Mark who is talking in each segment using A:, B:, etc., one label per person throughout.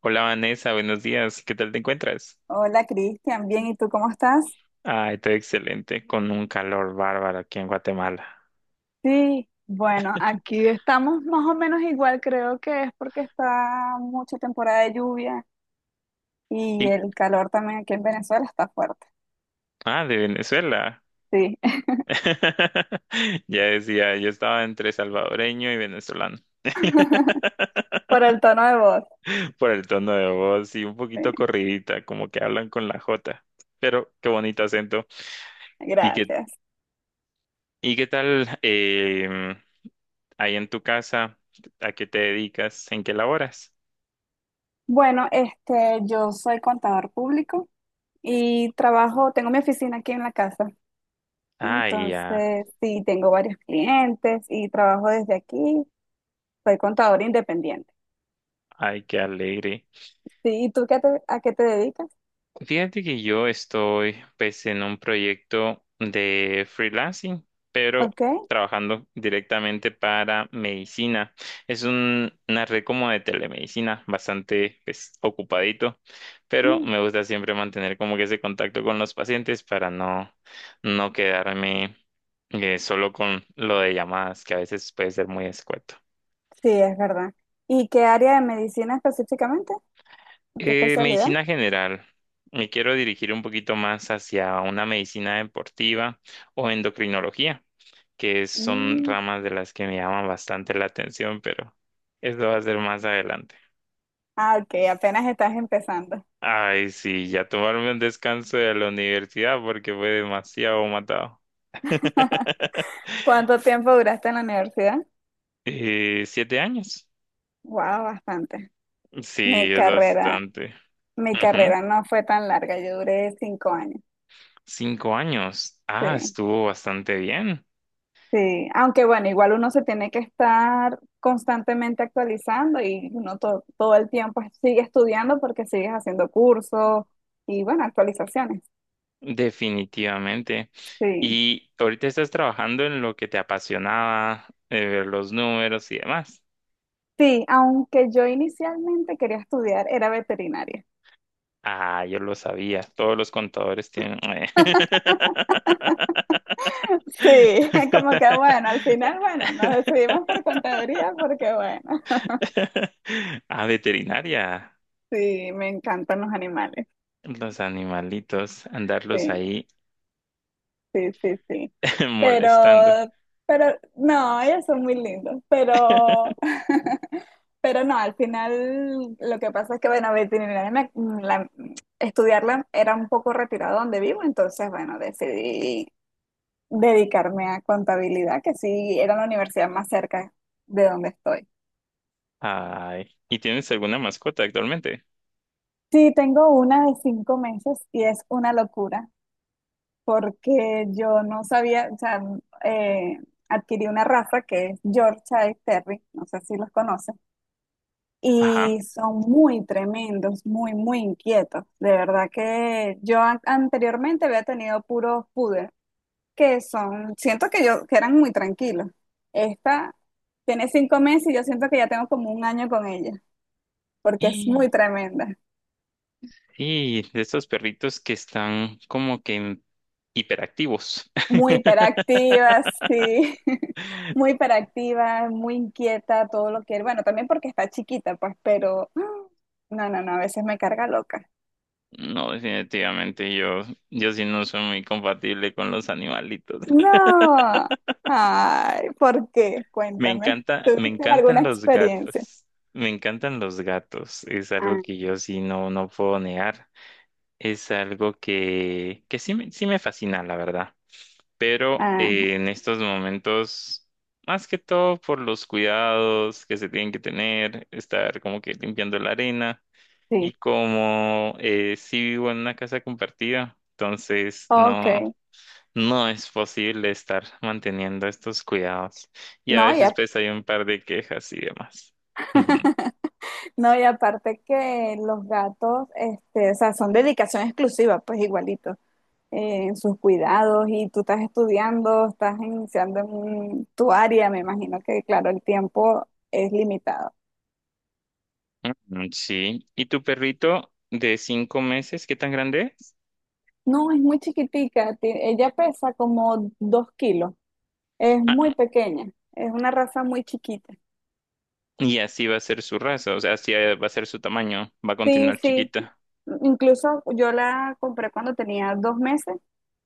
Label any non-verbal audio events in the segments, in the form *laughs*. A: Hola Vanessa, buenos días. ¿Qué tal te encuentras?
B: Hola Cristian, bien, ¿y tú cómo estás?
A: Ay, estoy excelente, con un calor bárbaro aquí en Guatemala.
B: Sí, bueno, aquí estamos más o menos igual, creo que es porque está mucha temporada de lluvia y
A: Y,
B: el calor también aquí en Venezuela está fuerte.
A: ah, de Venezuela.
B: Sí,
A: *laughs* Ya decía, yo estaba entre salvadoreño y venezolano. *laughs*
B: *laughs* por el tono de voz.
A: Por el tono de voz y un
B: Sí,
A: poquito corridita, como que hablan con la J. Pero qué bonito acento. ¿Y qué,
B: gracias.
A: y qué tal ahí en tu casa? ¿A qué te dedicas? ¿En qué laboras?
B: Bueno, yo soy contador público y trabajo, tengo mi oficina aquí en la casa.
A: Ay, ya.
B: Entonces, sí, tengo varios clientes y trabajo desde aquí. Soy contador independiente.
A: Ay, qué alegre.
B: Sí, ¿y tú a qué te dedicas?
A: Fíjate que yo estoy pues en un proyecto de freelancing, pero
B: Ok.
A: trabajando directamente para medicina. Es una red como de telemedicina, bastante pues ocupadito, pero me gusta siempre mantener como que ese contacto con los pacientes para no, no quedarme solo con lo de llamadas, que a veces puede ser muy escueto.
B: Sí, es verdad. ¿Y qué área de medicina específicamente? ¿Qué especialidad?
A: Medicina general. Me quiero dirigir un poquito más hacia una medicina deportiva o endocrinología, que son
B: Mm,
A: ramas de las que me llaman bastante la atención, pero eso va a ser más adelante.
B: Ah, ok, apenas estás empezando.
A: Ay, sí, ya tomarme un descanso de la universidad porque fue demasiado matado. *laughs*
B: ¿Cuánto tiempo duraste en la universidad?
A: 7 años.
B: Wow, bastante. Mi
A: Sí, es
B: carrera,
A: bastante.
B: mi
A: Ujú.
B: carrera no fue tan larga, yo duré 5 años.
A: 5 años. Ah,
B: Sí,
A: estuvo bastante bien.
B: sí. Aunque bueno, igual uno se tiene que estar constantemente actualizando y uno todo el tiempo sigue estudiando porque sigues haciendo cursos y bueno, actualizaciones.
A: Definitivamente.
B: Sí.
A: Y ahorita estás trabajando en lo que te apasionaba, ver los números y demás.
B: Sí, aunque yo inicialmente quería estudiar, era veterinaria.
A: Ah, yo lo sabía. Todos los contadores tienen.
B: Sí, *laughs* como que bueno, al
A: *laughs*
B: final, bueno, nos decidimos por contaduría porque bueno,
A: Ah, veterinaria.
B: sí, me encantan los animales.
A: Los animalitos, andarlos
B: Sí,
A: ahí
B: sí, sí, sí.
A: *laughs*
B: Pero,
A: molestando.
B: pero, no, ellos son muy lindos, pero, *laughs* pero no, al final lo que pasa es que bueno, la- estudiarla era un poco retirado donde vivo, entonces bueno, decidí dedicarme a contabilidad, que sí era la universidad más cerca de donde estoy.
A: Ay, ¿y tienes alguna mascota actualmente?
B: Sí, tengo una de 5 meses y es una locura porque yo no sabía, o sea, eh, adquirí una raza que es Yorkshire Terry, no sé si los conoces,
A: Ajá.
B: y son muy tremendos, muy, muy inquietos. De verdad que yo anteriormente había tenido puros poodles que son, siento que yo, que eran muy tranquilos. Esta tiene 5 meses y yo siento que ya tengo como 1 año con ella, porque es muy
A: *gasps*
B: tremenda,
A: Y de estos perritos que están como que hiperactivos.
B: muy
A: *laughs*
B: hiperactiva, sí, *laughs* muy hiperactiva, muy inquieta, todo lo que bueno, también porque está chiquita, pues, pero *gasps* ¡ah! No, no, no, a veces me carga loca.
A: No, definitivamente yo sí no soy muy compatible con los animalitos.
B: No, ay, ¿por qué?
A: Me
B: Cuéntame,
A: encanta, me
B: ¿tuviste alguna
A: encantan los
B: experiencia?
A: gatos. Me encantan los gatos. Es algo
B: Ah,
A: que yo sí no, no puedo negar. Es algo que sí me fascina, la verdad. Pero
B: ah,
A: en estos momentos, más que todo por los cuidados que se tienen que tener, estar como que limpiando la arena y
B: sí,
A: como sí vivo en una casa compartida, entonces
B: ok,
A: no, no es posible estar manteniendo estos cuidados y a
B: no,
A: veces
B: ya.
A: pues hay un par de quejas y demás. Ujú.
B: *laughs* No, y aparte que los gatos, o sea, son dedicación exclusiva, pues igualito, en sus cuidados y tú estás estudiando, estás iniciando en tu área, me imagino que, claro, el tiempo es limitado.
A: Mm, mm, sí, ¿y tu perrito de 5 meses, qué tan grande es?
B: No, es muy chiquitica, ella pesa como 2 kilos, es muy
A: Ah,
B: pequeña, es una raza muy chiquita.
A: y así va a ser su raza, o sea, así va a ser su tamaño, va a
B: Sí,
A: continuar
B: sí,
A: chiquita.
B: incluso yo la compré cuando tenía 2 meses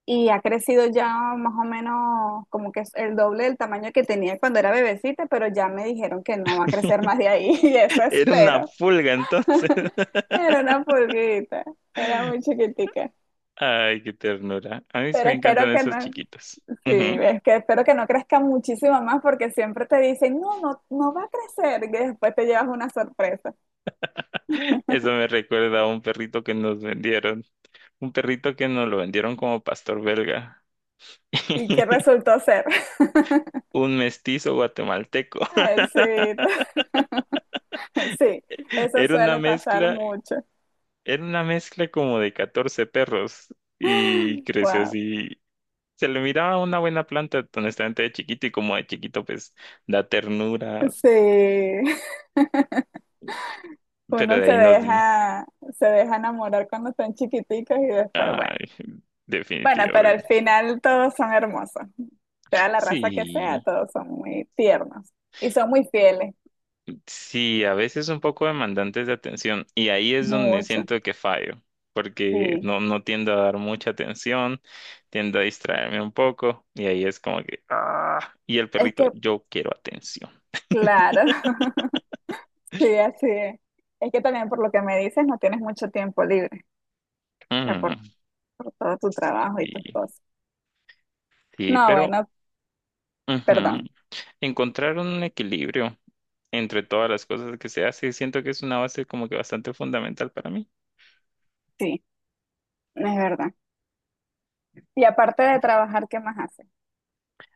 B: y ha crecido ya más o menos como que es el doble del tamaño que tenía cuando era bebecita, pero ya me dijeron que no va a crecer más de ahí *laughs* y eso
A: *laughs* Era una
B: espero.
A: pulga entonces. *laughs*
B: Era una pulguita, era muy chiquitica.
A: Ay, qué ternura. A mí sí
B: Pero
A: me
B: espero
A: encantan
B: que
A: esos
B: no,
A: chiquitos. Ujú.
B: sí, es que espero que no crezca muchísimo más porque siempre te dicen, no, no, no va a crecer y después te llevas una sorpresa.
A: Eso me recuerda a un perrito que nos vendieron. Un perrito que nos lo vendieron como pastor belga.
B: ¿Y qué
A: *laughs*
B: resultó ser? *laughs*
A: Un mestizo guatemalteco. *laughs*
B: Ay, sí, *laughs* sí, eso
A: Era una
B: suele pasar
A: mezcla,
B: mucho.
A: era una mezcla como de 14 perros y creció
B: Wow,
A: así. Se le miraba una buena planta, honestamente, de chiquito y como de chiquito, pues da ternura,
B: sí.
A: pero
B: Uno
A: de ahí
B: se deja enamorar cuando son chiquiticos y después, bueno.
A: ay,
B: Bueno, pero al
A: definitivamente.
B: final todos son hermosos. Sea la raza que sea,
A: Sí,
B: todos son muy tiernos. Y son muy fieles.
A: sí, a veces un poco demandantes de atención y ahí es donde
B: Mucho.
A: siento que fallo, porque
B: Sí.
A: no, no tiendo a dar mucha atención, tiendo a distraerme un poco y ahí es como que, ah, y el
B: Es
A: perrito,
B: que,
A: yo quiero atención.
B: claro. *laughs* Sí, así es. Es que también por lo que me dices, no tienes mucho tiempo libre. O sea,
A: Mm,
B: por todo tu trabajo y tus
A: sí,
B: cosas.
A: sí,
B: No,
A: pero
B: bueno, perdón.
A: ujú, encontrar un equilibrio entre todas las cosas que se hace, siento que es una base como que bastante fundamental para mí.
B: Sí, es verdad. Y aparte de trabajar, ¿qué más haces?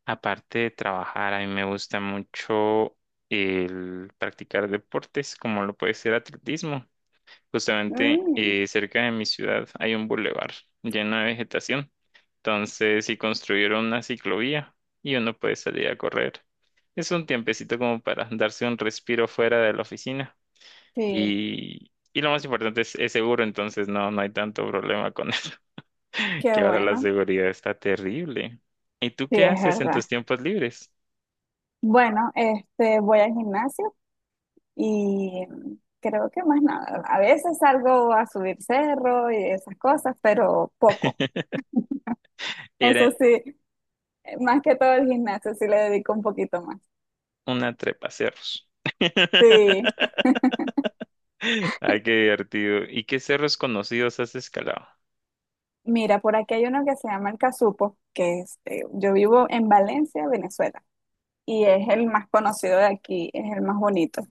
A: Aparte de trabajar, a mí me gusta mucho el practicar deportes, como lo puede ser atletismo. Justamente
B: Mm,
A: cerca de mi ciudad hay un bulevar lleno de vegetación. Entonces, si construyeron una ciclovía y uno puede salir a correr. Es un tiempecito como para darse un respiro fuera de la oficina.
B: sí,
A: Y lo más importante es seguro, entonces no, no hay tanto problema con eso, *laughs*
B: qué
A: que ahora la
B: bueno.
A: seguridad está terrible. ¿Y tú
B: Sí,
A: qué
B: es
A: haces en
B: verdad.
A: tus tiempos libres?
B: Bueno, voy al gimnasio y creo que más nada. A veces salgo a subir cerro y esas cosas, pero poco.
A: Era
B: Eso sí, más que todo el gimnasio sí le dedico un poquito más.
A: una trepa cerros.
B: Sí.
A: *laughs* Ah, qué divertido. ¿Y qué cerros conocidos has escalado?
B: Mira, por aquí hay uno que se llama el Casupo, que es, yo vivo en Valencia, Venezuela, y es el más conocido de aquí, es el más bonito.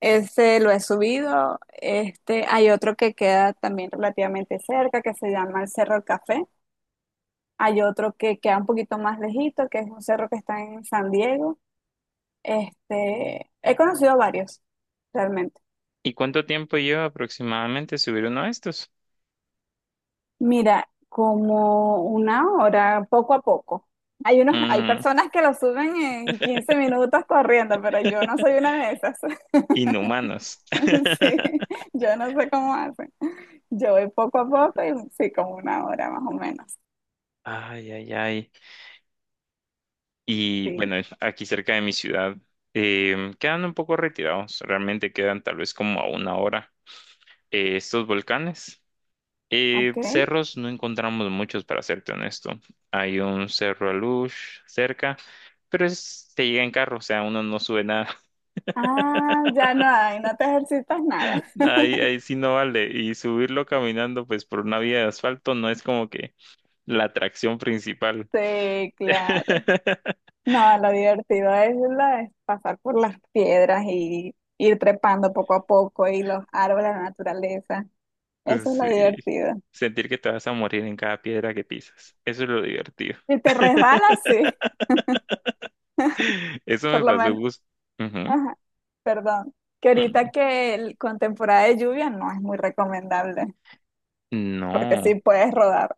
B: Ese lo he subido. Hay otro que queda también relativamente cerca, que se llama el Cerro del Café. Hay otro que queda un poquito más lejito, que es un cerro que está en San Diego. He conocido varios, realmente.
A: ¿Y cuánto tiempo lleva aproximadamente subir uno de estos?
B: Mira, como 1 hora, poco a poco. Hay
A: Mm,
B: personas que lo suben en 15 minutos corriendo, pero yo
A: *laughs*
B: no soy una de esas. *laughs*
A: inhumanos.
B: Sí,
A: *laughs*
B: yo no sé cómo hacen. Yo voy poco a poco y sí, como 1 hora más o menos.
A: Ay, ay, ay. Y
B: Sí,
A: bueno, aquí cerca de mi ciudad quedan un poco retirados. Realmente quedan tal vez como a una hora estos volcanes. Y
B: ok.
A: cerros no encontramos muchos, para serte honesto. Hay un cerro Alush cerca, pero es, te llega en carro, o sea, uno no sube nada. *laughs*
B: Ah, ya no hay, no te ejercitas nada.
A: Ahí,
B: *laughs*
A: ahí sí no vale. Y subirlo caminando, pues por una vía de asfalto, no es como que la atracción principal.
B: Sí, claro.
A: *laughs*
B: No, lo divertido es, es pasar por las piedras y ir trepando poco a poco y los árboles, la naturaleza. Eso es lo
A: Sí.
B: divertido.
A: Sentir que te vas a morir en cada piedra que pisas. Eso es lo divertido.
B: Si te resbalas, sí,
A: *laughs* Eso
B: por
A: me
B: lo
A: pasó.
B: menos.
A: gus-
B: Ajá, perdón. Que ahorita que con temporada de lluvia no es muy recomendable, porque
A: No.
B: sí puedes rodar,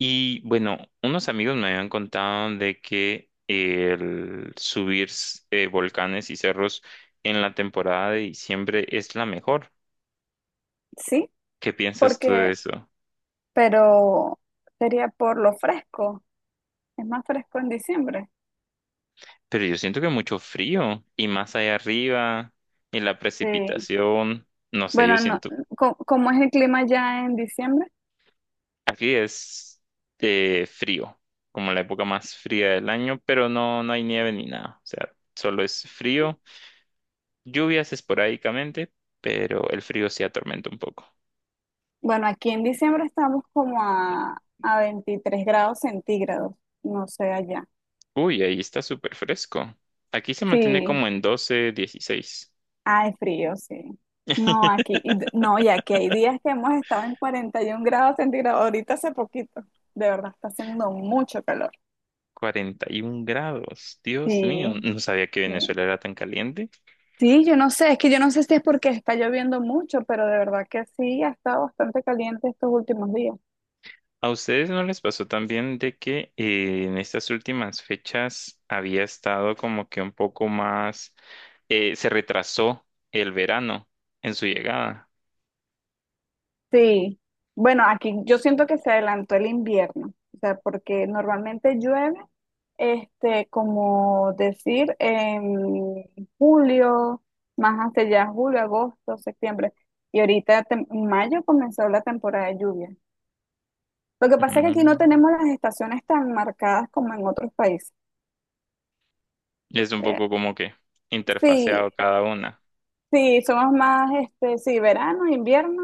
A: Y bueno, unos amigos me habían contado de que el subir volcanes y cerros en la temporada de diciembre es la mejor.
B: sí,
A: ¿Qué piensas tú de
B: porque,
A: eso?
B: pero sería por lo fresco. Es más fresco en diciembre.
A: Pero yo siento que mucho frío y más allá arriba y la
B: Sí.
A: precipitación, no sé, yo
B: Bueno, no,
A: siento.
B: ¿cómo, cómo es el clima ya en diciembre?
A: Aquí es frío, como la época más fría del año, pero no, no hay nieve ni nada. O sea, solo es frío, lluvias esporádicamente, pero el frío sí atormenta un poco.
B: Bueno, aquí en diciembre estamos como a 23 °C, no sé allá.
A: Uy, ahí está súper fresco. Aquí se mantiene
B: Sí,
A: como en 12 16
B: hay frío, sí. No, aquí,
A: *laughs*
B: no, y aquí hay días que hemos estado en 41 °C, ahorita hace poquito. De verdad, está haciendo mucho calor.
A: 41 grados. Dios mío,
B: Sí,
A: no sabía que
B: sí.
A: Venezuela era tan caliente.
B: Sí, yo no sé, es que yo no sé si es porque está lloviendo mucho, pero de verdad que sí, ha estado bastante caliente estos últimos días.
A: ¿A ustedes no les pasó también de que en estas últimas fechas había estado como que un poco más, se retrasó el verano en su llegada?
B: Sí, bueno, aquí yo siento que se adelantó el invierno, o sea, porque normalmente llueve. Como decir, en julio, más hacia allá, julio, agosto, septiembre. Y ahorita en mayo comenzó la temporada de lluvia. Lo que pasa es que aquí no
A: Mm.
B: tenemos las estaciones tan marcadas como en otros países.
A: Es un
B: Eh,
A: poco como que interfaseado
B: Sí,
A: cada una.
B: sí, somos más, sí, verano, invierno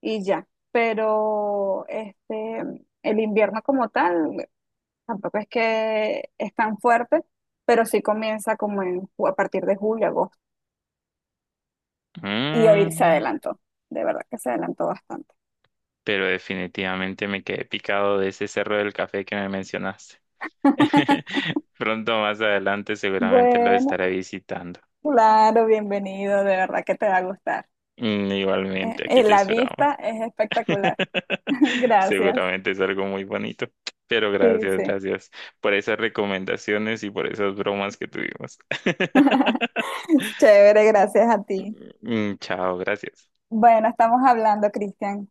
B: y ya. Pero el invierno como tal tampoco es que es tan fuerte, pero sí comienza como en, a partir de julio, agosto. Y ahorita se
A: Mm.
B: adelantó, de verdad que se adelantó bastante.
A: Pero definitivamente me quedé picado de ese cerro del café que me mencionaste. *laughs* Pronto más adelante seguramente lo
B: Bueno,
A: estaré visitando.
B: claro, bienvenido, de verdad que te va a gustar.
A: Mm. Igualmente, aquí te
B: La
A: esperamos.
B: vista es espectacular. *laughs*
A: *laughs*
B: Gracias.
A: Seguramente es algo muy bonito, pero
B: Sí,
A: gracias,
B: sí.
A: gracias por esas recomendaciones y por esas bromas que tuvimos.
B: *laughs*
A: *laughs*
B: Chévere, gracias a ti.
A: Mm. Chao, gracias.
B: Bueno, estamos hablando, Cristian.